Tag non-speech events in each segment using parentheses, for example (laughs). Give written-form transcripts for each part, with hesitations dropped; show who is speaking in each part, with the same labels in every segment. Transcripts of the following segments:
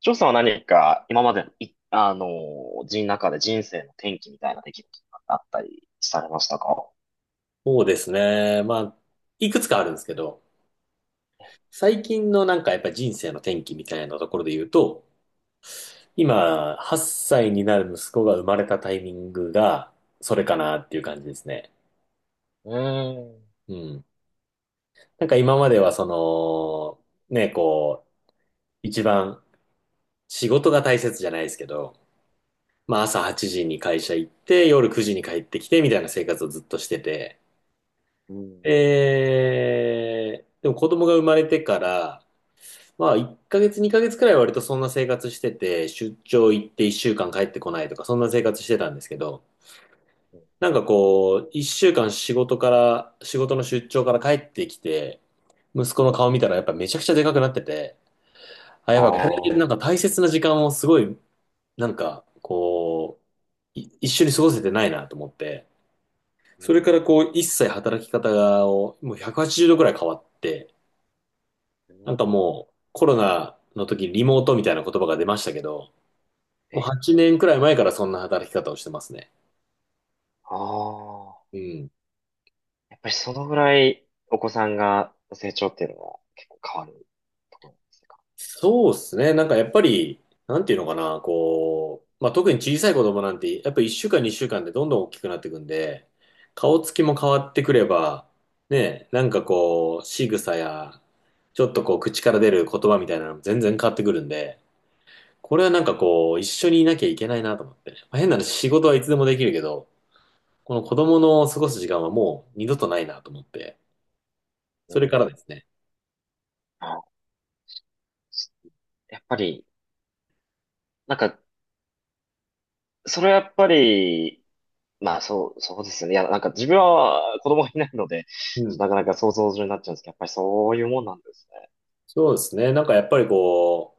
Speaker 1: 翔さんは何か今までのい、あのー、人中で人生の転機みたいな出来事があったりされましたか？
Speaker 2: そうですね。まあ、いくつかあるんですけど、最近のなんかやっぱ人生の転機みたいなところで言うと、今、8歳になる息子が生まれたタイミングが、それかなっていう感じですね。
Speaker 1: うーん。
Speaker 2: うん。なんか今まではその、ね、こう、一番仕事が大切じゃないですけど、まあ朝8時に会社行って、夜9時に帰ってきてみたいな生活をずっとしてて、
Speaker 1: うん。
Speaker 2: でも子供が生まれてから、まあ、1ヶ月、2ヶ月くらいは割とそんな生活してて、出張行って1週間帰ってこないとか、そんな生活してたんですけど、なんかこう、1週間仕事から、仕事の出張から帰ってきて、息子の顔見たらやっぱめちゃくちゃでかくなってて、あ、
Speaker 1: あ
Speaker 2: やっぱこれな
Speaker 1: あ、
Speaker 2: んか大切な時間をすごい、なんかこう、一緒に過ごせてないなと思って、
Speaker 1: う
Speaker 2: そ
Speaker 1: ん、
Speaker 2: れからこう、一切働き方がをもう180度くはちじゅうどくらい変わって、
Speaker 1: う
Speaker 2: なんか
Speaker 1: ん、
Speaker 2: もうコロナの時リモートみたいな言葉が出ましたけど、もう
Speaker 1: え、
Speaker 2: 8年くらい前からそんな働き方をしてますね。
Speaker 1: ああ、
Speaker 2: うん。
Speaker 1: やっぱりそのぐらいお子さんが成長っていうのは結構変わるところなんですか？
Speaker 2: そうですね。なんかやっぱり、なんていうのかな、こう、まあ、特に小さい子供なんて、やっぱ1週間、2週間でどんどん大きくなっていくんで、顔つきも変わってくれば、ね、なんかこう、仕草や、ちょっとこう、口から出る言葉みたいなのも全然変わってくるんで、これはなんかこう、一緒にいなきゃいけないなと思って。まあ、変な話、仕事はいつでもできるけど、この子供の過ごす時間はもう二度とないなと思って、
Speaker 1: う
Speaker 2: それか
Speaker 1: ん。
Speaker 2: らですね。
Speaker 1: あ、やっぱり、なんか、それはやっぱり、まあ、そう、そうですよね。いや、なんか自分は子供がいないので、
Speaker 2: うん。
Speaker 1: なかなか想像上になっちゃうんですけど、やっぱりそういうもんなんです
Speaker 2: そうですね。なんかやっぱりこ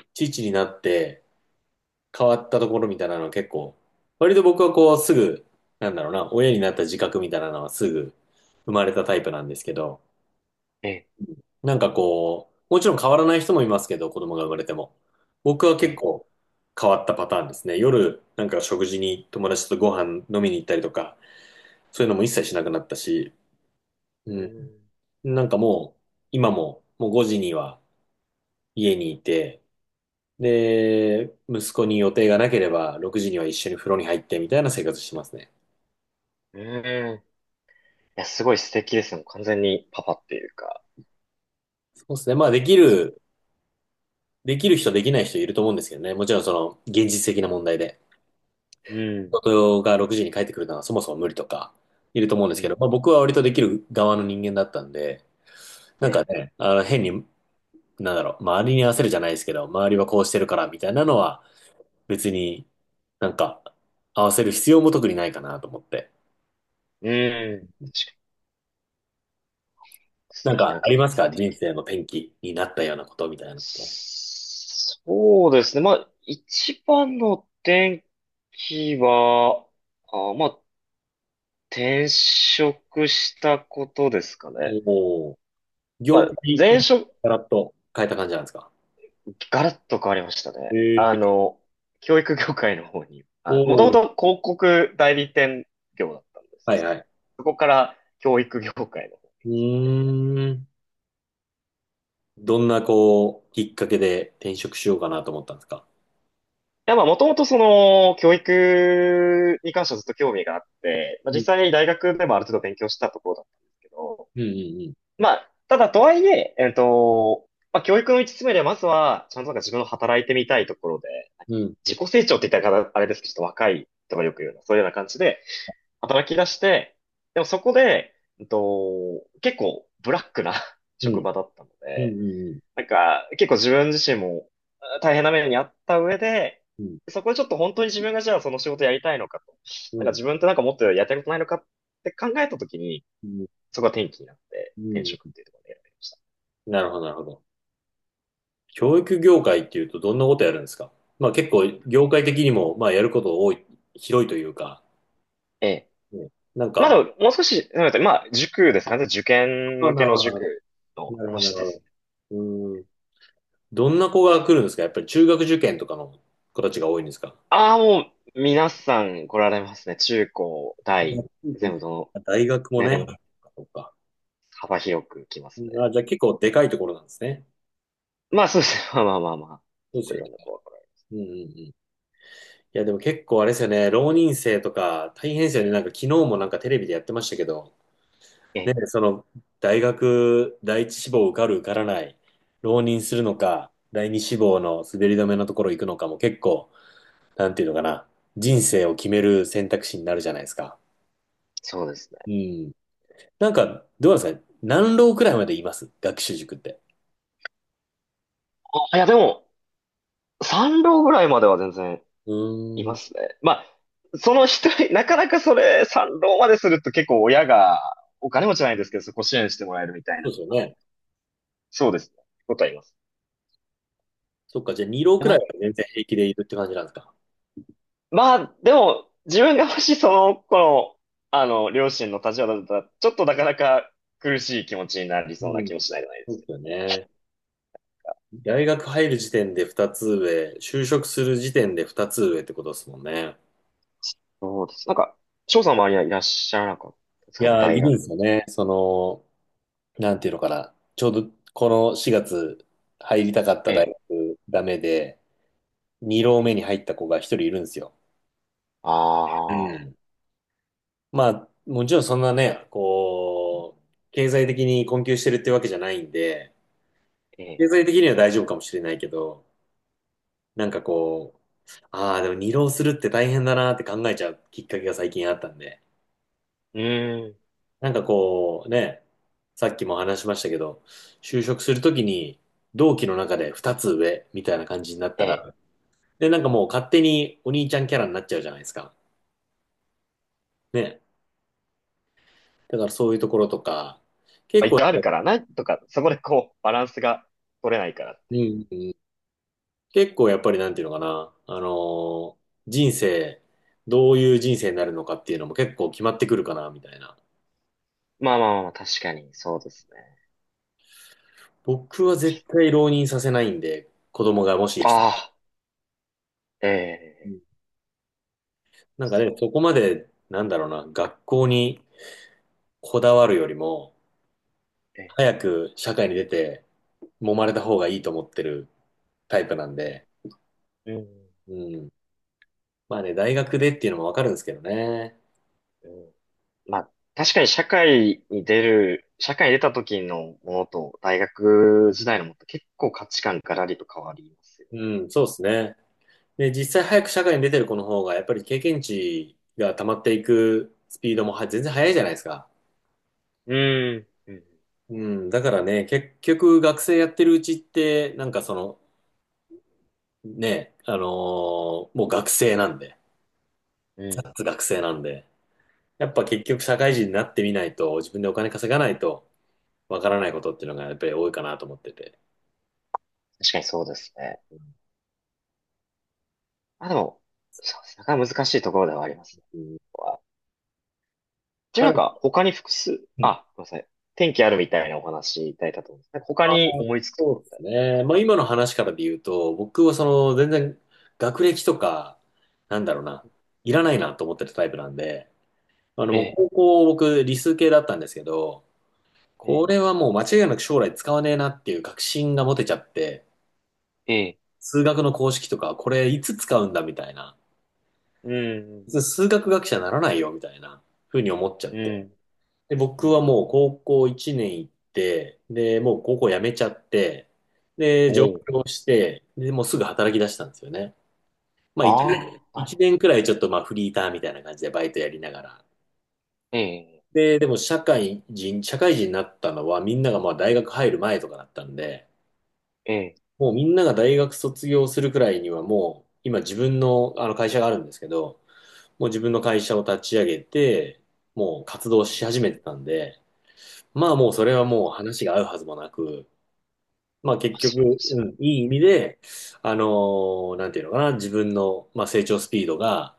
Speaker 2: う、父になって変わったところみたいなのは結構、割と僕はこうすぐ、なんだろうな、親になった自覚みたいなのはすぐ生まれたタイプなんですけど、
Speaker 1: ね。
Speaker 2: なんかこう、もちろん変わらない人もいますけど、子供が生まれても。僕は
Speaker 1: ええ、え
Speaker 2: 結
Speaker 1: え、
Speaker 2: 構変わったパターンですね。夜、なんか食事に友達とご飯飲みに行ったりとか、そういうのも一切しなくなったし、うん。
Speaker 1: う
Speaker 2: なんかもう、今ももう5時には家にいて、で、息子に予定がなければ、6時には一緒に風呂に入ってみたいな生活してますね。
Speaker 1: ーん、うーん。いや、すごい素敵ですね。もう完全にパパっていうか。
Speaker 2: そうですね。まあ、できる人、できない人いると思うんですけどね。もちろん、その、現実的な問題で。
Speaker 1: うん、
Speaker 2: 夫が6時に帰ってくるのはそもそも無理とか、いると思うんで
Speaker 1: う
Speaker 2: すけど、
Speaker 1: ん、
Speaker 2: まあ、僕は割とできる側の人間だったんで、なんか
Speaker 1: え
Speaker 2: ね、変に、なんだろう、周りに合わせるじゃないですけど、周りはこうしてるから、みたいなのは、別になんか、合わせる必要も特にないかなと思って。
Speaker 1: え、うん。確かに素
Speaker 2: なん
Speaker 1: 敵
Speaker 2: か、
Speaker 1: な
Speaker 2: ありま
Speaker 1: 経
Speaker 2: すか
Speaker 1: 験。
Speaker 2: 人生の転機になったようなことみたいなこと？
Speaker 1: そうですね。まあ、一番の転機は、あ、まあ、転職したことですかね。
Speaker 2: おお、
Speaker 1: ま
Speaker 2: 業
Speaker 1: あ、
Speaker 2: 界
Speaker 1: 前
Speaker 2: の
Speaker 1: 職、
Speaker 2: ガラッと変えた感じなんですか？
Speaker 1: ガラッと変わりましたね。
Speaker 2: ええ。
Speaker 1: 教育業界の方に、
Speaker 2: お
Speaker 1: あ、もとも
Speaker 2: お、
Speaker 1: と広告代理店業だったんです
Speaker 2: は
Speaker 1: け
Speaker 2: い
Speaker 1: ど、
Speaker 2: はい。
Speaker 1: そこから教育業界の方い
Speaker 2: うーん。どんな、こう、きっかけで転職しようかなと思ったんですか？
Speaker 1: や、まあ、もともとその、教育に関してはずっと興味があって、まあ、
Speaker 2: う
Speaker 1: 実
Speaker 2: ん、
Speaker 1: 際に大学でもある程度勉強したところだったんですけど、
Speaker 2: うん、
Speaker 1: まあ、ただとはいえ、まあ、教育の一つ目でまずは、ちゃんとなんか自分の働いてみたいところで、なんか
Speaker 2: うん、
Speaker 1: 自己成長って言ったらあれですけど、ちょっと若い人がよく言うような、そういうような感じで、働き出して、でもそこで、結構ブラックな (laughs)
Speaker 2: う
Speaker 1: 職
Speaker 2: ん、
Speaker 1: 場だったの
Speaker 2: うん、
Speaker 1: で、
Speaker 2: うん、
Speaker 1: なんか結構自分自身もあ大変な目にあった上で、
Speaker 2: うん、
Speaker 1: そこでちょっと本当に自分がじゃあその仕事やりたいのかと、
Speaker 2: う
Speaker 1: なん
Speaker 2: ん、
Speaker 1: か
Speaker 2: うん、
Speaker 1: 自分ってなんかもっとやりたいことないのかって考えたときに、
Speaker 2: うん、
Speaker 1: そこが転機になって
Speaker 2: う
Speaker 1: 転
Speaker 2: ん。
Speaker 1: 職っていうところで選びました。
Speaker 2: なるほど、なるほど。教育業界っていうとどんなことやるんですか？まあ結構、業界的にも、まあやること多い、広いというか、
Speaker 1: ええ。
Speaker 2: ね。なん
Speaker 1: まあ
Speaker 2: か、
Speaker 1: でも、もう少し、なんっまあ塾ですかね。受験
Speaker 2: あ、
Speaker 1: 向
Speaker 2: な
Speaker 1: け
Speaker 2: る
Speaker 1: の
Speaker 2: ほど、なるほ
Speaker 1: 塾
Speaker 2: ど。
Speaker 1: の
Speaker 2: なるほ
Speaker 1: 講
Speaker 2: ど、な
Speaker 1: 師
Speaker 2: る
Speaker 1: で
Speaker 2: ほ
Speaker 1: す。
Speaker 2: ど。うーん。どんな子が来るんですか？やっぱり中学受験とかの子たちが多いんですか？
Speaker 1: ああ、もう、皆さん来られますね。中高、大、全部どの
Speaker 2: 大学も
Speaker 1: 年
Speaker 2: ね。
Speaker 1: 齢も
Speaker 2: そっか。
Speaker 1: 幅広く来ますね。
Speaker 2: あ、じゃあ結構でかいところなんですね。
Speaker 1: まあそうですね。(laughs) まあまあまあまあ。
Speaker 2: そう
Speaker 1: 結
Speaker 2: です
Speaker 1: 構い
Speaker 2: よね。
Speaker 1: ろんな子が来ら
Speaker 2: うんうんうん。いや、でも結構あれですよね。浪人生とか大変ですよね。なんか昨日もなんかテレビでやってましたけど、
Speaker 1: れえ
Speaker 2: ね、
Speaker 1: え、
Speaker 2: その大学第一志望受かる受からない、浪人するのか、第二志望の滑り止めのところ行くのかも結構、なんていうのかな。人生を決める選択肢になるじゃないですか。
Speaker 1: そうですね。
Speaker 2: うん。なんか、どうなんですか何浪くらいまでいます学習塾って？
Speaker 1: あ、いやでも、三浪ぐらいまでは全然
Speaker 2: う
Speaker 1: い
Speaker 2: ーん、
Speaker 1: ますね。まあ、その一人、なかなかそれ、三浪まですると結構親が、お金持ちじゃないですけど、そこ支援してもらえるみたいな
Speaker 2: そうで
Speaker 1: と
Speaker 2: すよ
Speaker 1: かない。
Speaker 2: ね。
Speaker 1: そうですね。ことはいます。
Speaker 2: そっか、じゃあ2浪くらいは全然平気でいるって感じなんですか？
Speaker 1: まあ、でも、自分がもしその頃、両親の立場だったら、ちょっとなかなか苦しい気持ちになり
Speaker 2: う
Speaker 1: そうな
Speaker 2: ん、
Speaker 1: 気もしないじゃないで
Speaker 2: そう
Speaker 1: す
Speaker 2: で
Speaker 1: け
Speaker 2: す
Speaker 1: ど。
Speaker 2: よね。大学入る時点で2つ上、就職する時点で2つ上ってことですもんね。
Speaker 1: そうです。なんか、翔さんの周りはいらっしゃらなかったです
Speaker 2: い
Speaker 1: か
Speaker 2: やー、いる
Speaker 1: 大
Speaker 2: んです
Speaker 1: 学？
Speaker 2: よね。その、なんていうのかな。ちょうどこの4月入りたかった
Speaker 1: え
Speaker 2: 大
Speaker 1: え。
Speaker 2: 学ダメで、2
Speaker 1: ええ、
Speaker 2: 浪目に入った子が1人いるんですよ。う
Speaker 1: ああ、
Speaker 2: ん。まあ、もちろんそんなね、こう、経済的に困窮してるってわけじゃないんで、
Speaker 1: ええ。
Speaker 2: 経済的には大丈夫かもしれないけど、なんかこう、ああ、でも二浪するって大変だなって考えちゃうきっかけが最近あったんで、
Speaker 1: うーん。
Speaker 2: なんかこう、ね、さっきも話しましたけど、就職するときに同期の中で二つ上みたいな感じになっ
Speaker 1: え
Speaker 2: た
Speaker 1: え。
Speaker 2: ら、で、なんかもう勝手にお兄ちゃんキャラになっちゃうじゃないですか。ね。だからそういうところとか、
Speaker 1: まあ、
Speaker 2: 結構
Speaker 1: 一応あるから、なんとか、そこでこう、バランスが取れないからっ
Speaker 2: う
Speaker 1: ていう。
Speaker 2: ん、うん結構やっぱりなんていうのかな、ー人生、どういう人生になるのかっていうのも結構決まってくるかな、みたいな。
Speaker 1: まあまあまあまあ、確かに、そうですね。
Speaker 2: 僕は絶対浪人させないんで、子供がもし生きたら
Speaker 1: ああ、え
Speaker 2: う
Speaker 1: え。
Speaker 2: ん、なん
Speaker 1: そうで
Speaker 2: か
Speaker 1: すか？
Speaker 2: ね、そこまで、なんだろうな、学校にこだわるよりも、
Speaker 1: え
Speaker 2: 早く社会に出て、揉まれた方がいいと思ってるタイプなんで、
Speaker 1: え。うん。
Speaker 2: うん。まあね、大学でっていうのもわかるんですけどね。
Speaker 1: うん、まあ、確かに社会に出る、社会に出た時のものと大学時代のものって結構価値観がらりと変わりますよ
Speaker 2: うん、そうですね。で、実際早く社会に出てる子の方が、やっぱり経験値が溜まっていくスピードもは全然早いじゃないですか。
Speaker 1: ね。うん。うん。
Speaker 2: うん、だからね、結局学生やってるうちって、なんかその、ね、もう学生なんで、
Speaker 1: うん。
Speaker 2: 脱学生なんで、やっ
Speaker 1: う
Speaker 2: ぱ
Speaker 1: ん、
Speaker 2: 結局社会人になってみないと、自分でお金稼がないと、わからないことっていうのがやっぱり多いかなと思ってて。
Speaker 1: 確かにそうですね。あ、でも、そうですね。なかなか難しいところではありますね。
Speaker 2: うん、
Speaker 1: ここはじゃあな
Speaker 2: ま
Speaker 1: ん
Speaker 2: だ、
Speaker 1: か他に複数、
Speaker 2: うん。
Speaker 1: あ、ごめんなさい。天気あるみたいなお話いただいたと思うんですね。なんか他に思いつくと
Speaker 2: そ
Speaker 1: こ
Speaker 2: うで
Speaker 1: ろっ
Speaker 2: す
Speaker 1: てあ
Speaker 2: ね。
Speaker 1: りま
Speaker 2: まあ
Speaker 1: す？
Speaker 2: 今の話からで言うと、僕はその全然学歴とか、なんだろうな、いらないなと思ってたタイプなんで、
Speaker 1: え
Speaker 2: もう
Speaker 1: え、
Speaker 2: 高校僕理数系だったんですけど、
Speaker 1: え
Speaker 2: こ
Speaker 1: え、
Speaker 2: れはもう間違いなく将来使わねえなっていう確信が持てちゃって、
Speaker 1: ええ、
Speaker 2: 数学の公式とかこれいつ使うんだみたいな、
Speaker 1: うん、
Speaker 2: 数学学者にならないよみたいな風に思っちゃっ
Speaker 1: うん、
Speaker 2: て、で、
Speaker 1: うん。う
Speaker 2: 僕
Speaker 1: ん、
Speaker 2: はもう高校1年行って、で、もう高校辞めちゃって、で、
Speaker 1: お
Speaker 2: 上
Speaker 1: う、
Speaker 2: 京して、で、もうすぐ働き出したんですよね。まあ1年、
Speaker 1: ああ、なる
Speaker 2: 一
Speaker 1: ほ
Speaker 2: 年くらいちょっとまあフリーターみたいな感じでバイトやりながら。
Speaker 1: ど。ええ、
Speaker 2: で、でも社会人になったのはみんながまあ大学入る前とかだったんで、
Speaker 1: え
Speaker 2: もうみんなが大学卒業するくらいにはもう今自分のあの会社があるんですけど、もう自分
Speaker 1: え。
Speaker 2: の会社を立ち上げて、もう活動
Speaker 1: うん、
Speaker 2: し始めてたんで、まあもうそれはもう話が合うはずもなく、まあ
Speaker 1: まあ、
Speaker 2: 結局、
Speaker 1: そうですよ
Speaker 2: うん、いい意味
Speaker 1: ね。
Speaker 2: で、あのなんていうのかな、自分の、まあ、成長スピードが、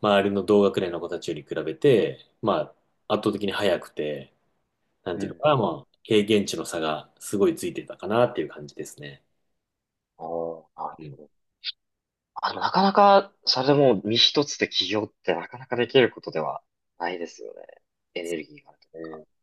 Speaker 2: 周りの同学年の子たちより比べて、まあ圧倒的に速くて、なん
Speaker 1: う
Speaker 2: ていうの
Speaker 1: ん。
Speaker 2: かな、まあ経験値の差がすごいついてたかなっていう感じですね。
Speaker 1: おーあ、
Speaker 2: うん。
Speaker 1: あ、なかなか、それでもう身一つで起業ってなかなかできることではないですよね。エネルギーがあると
Speaker 2: え
Speaker 1: か。
Speaker 2: ー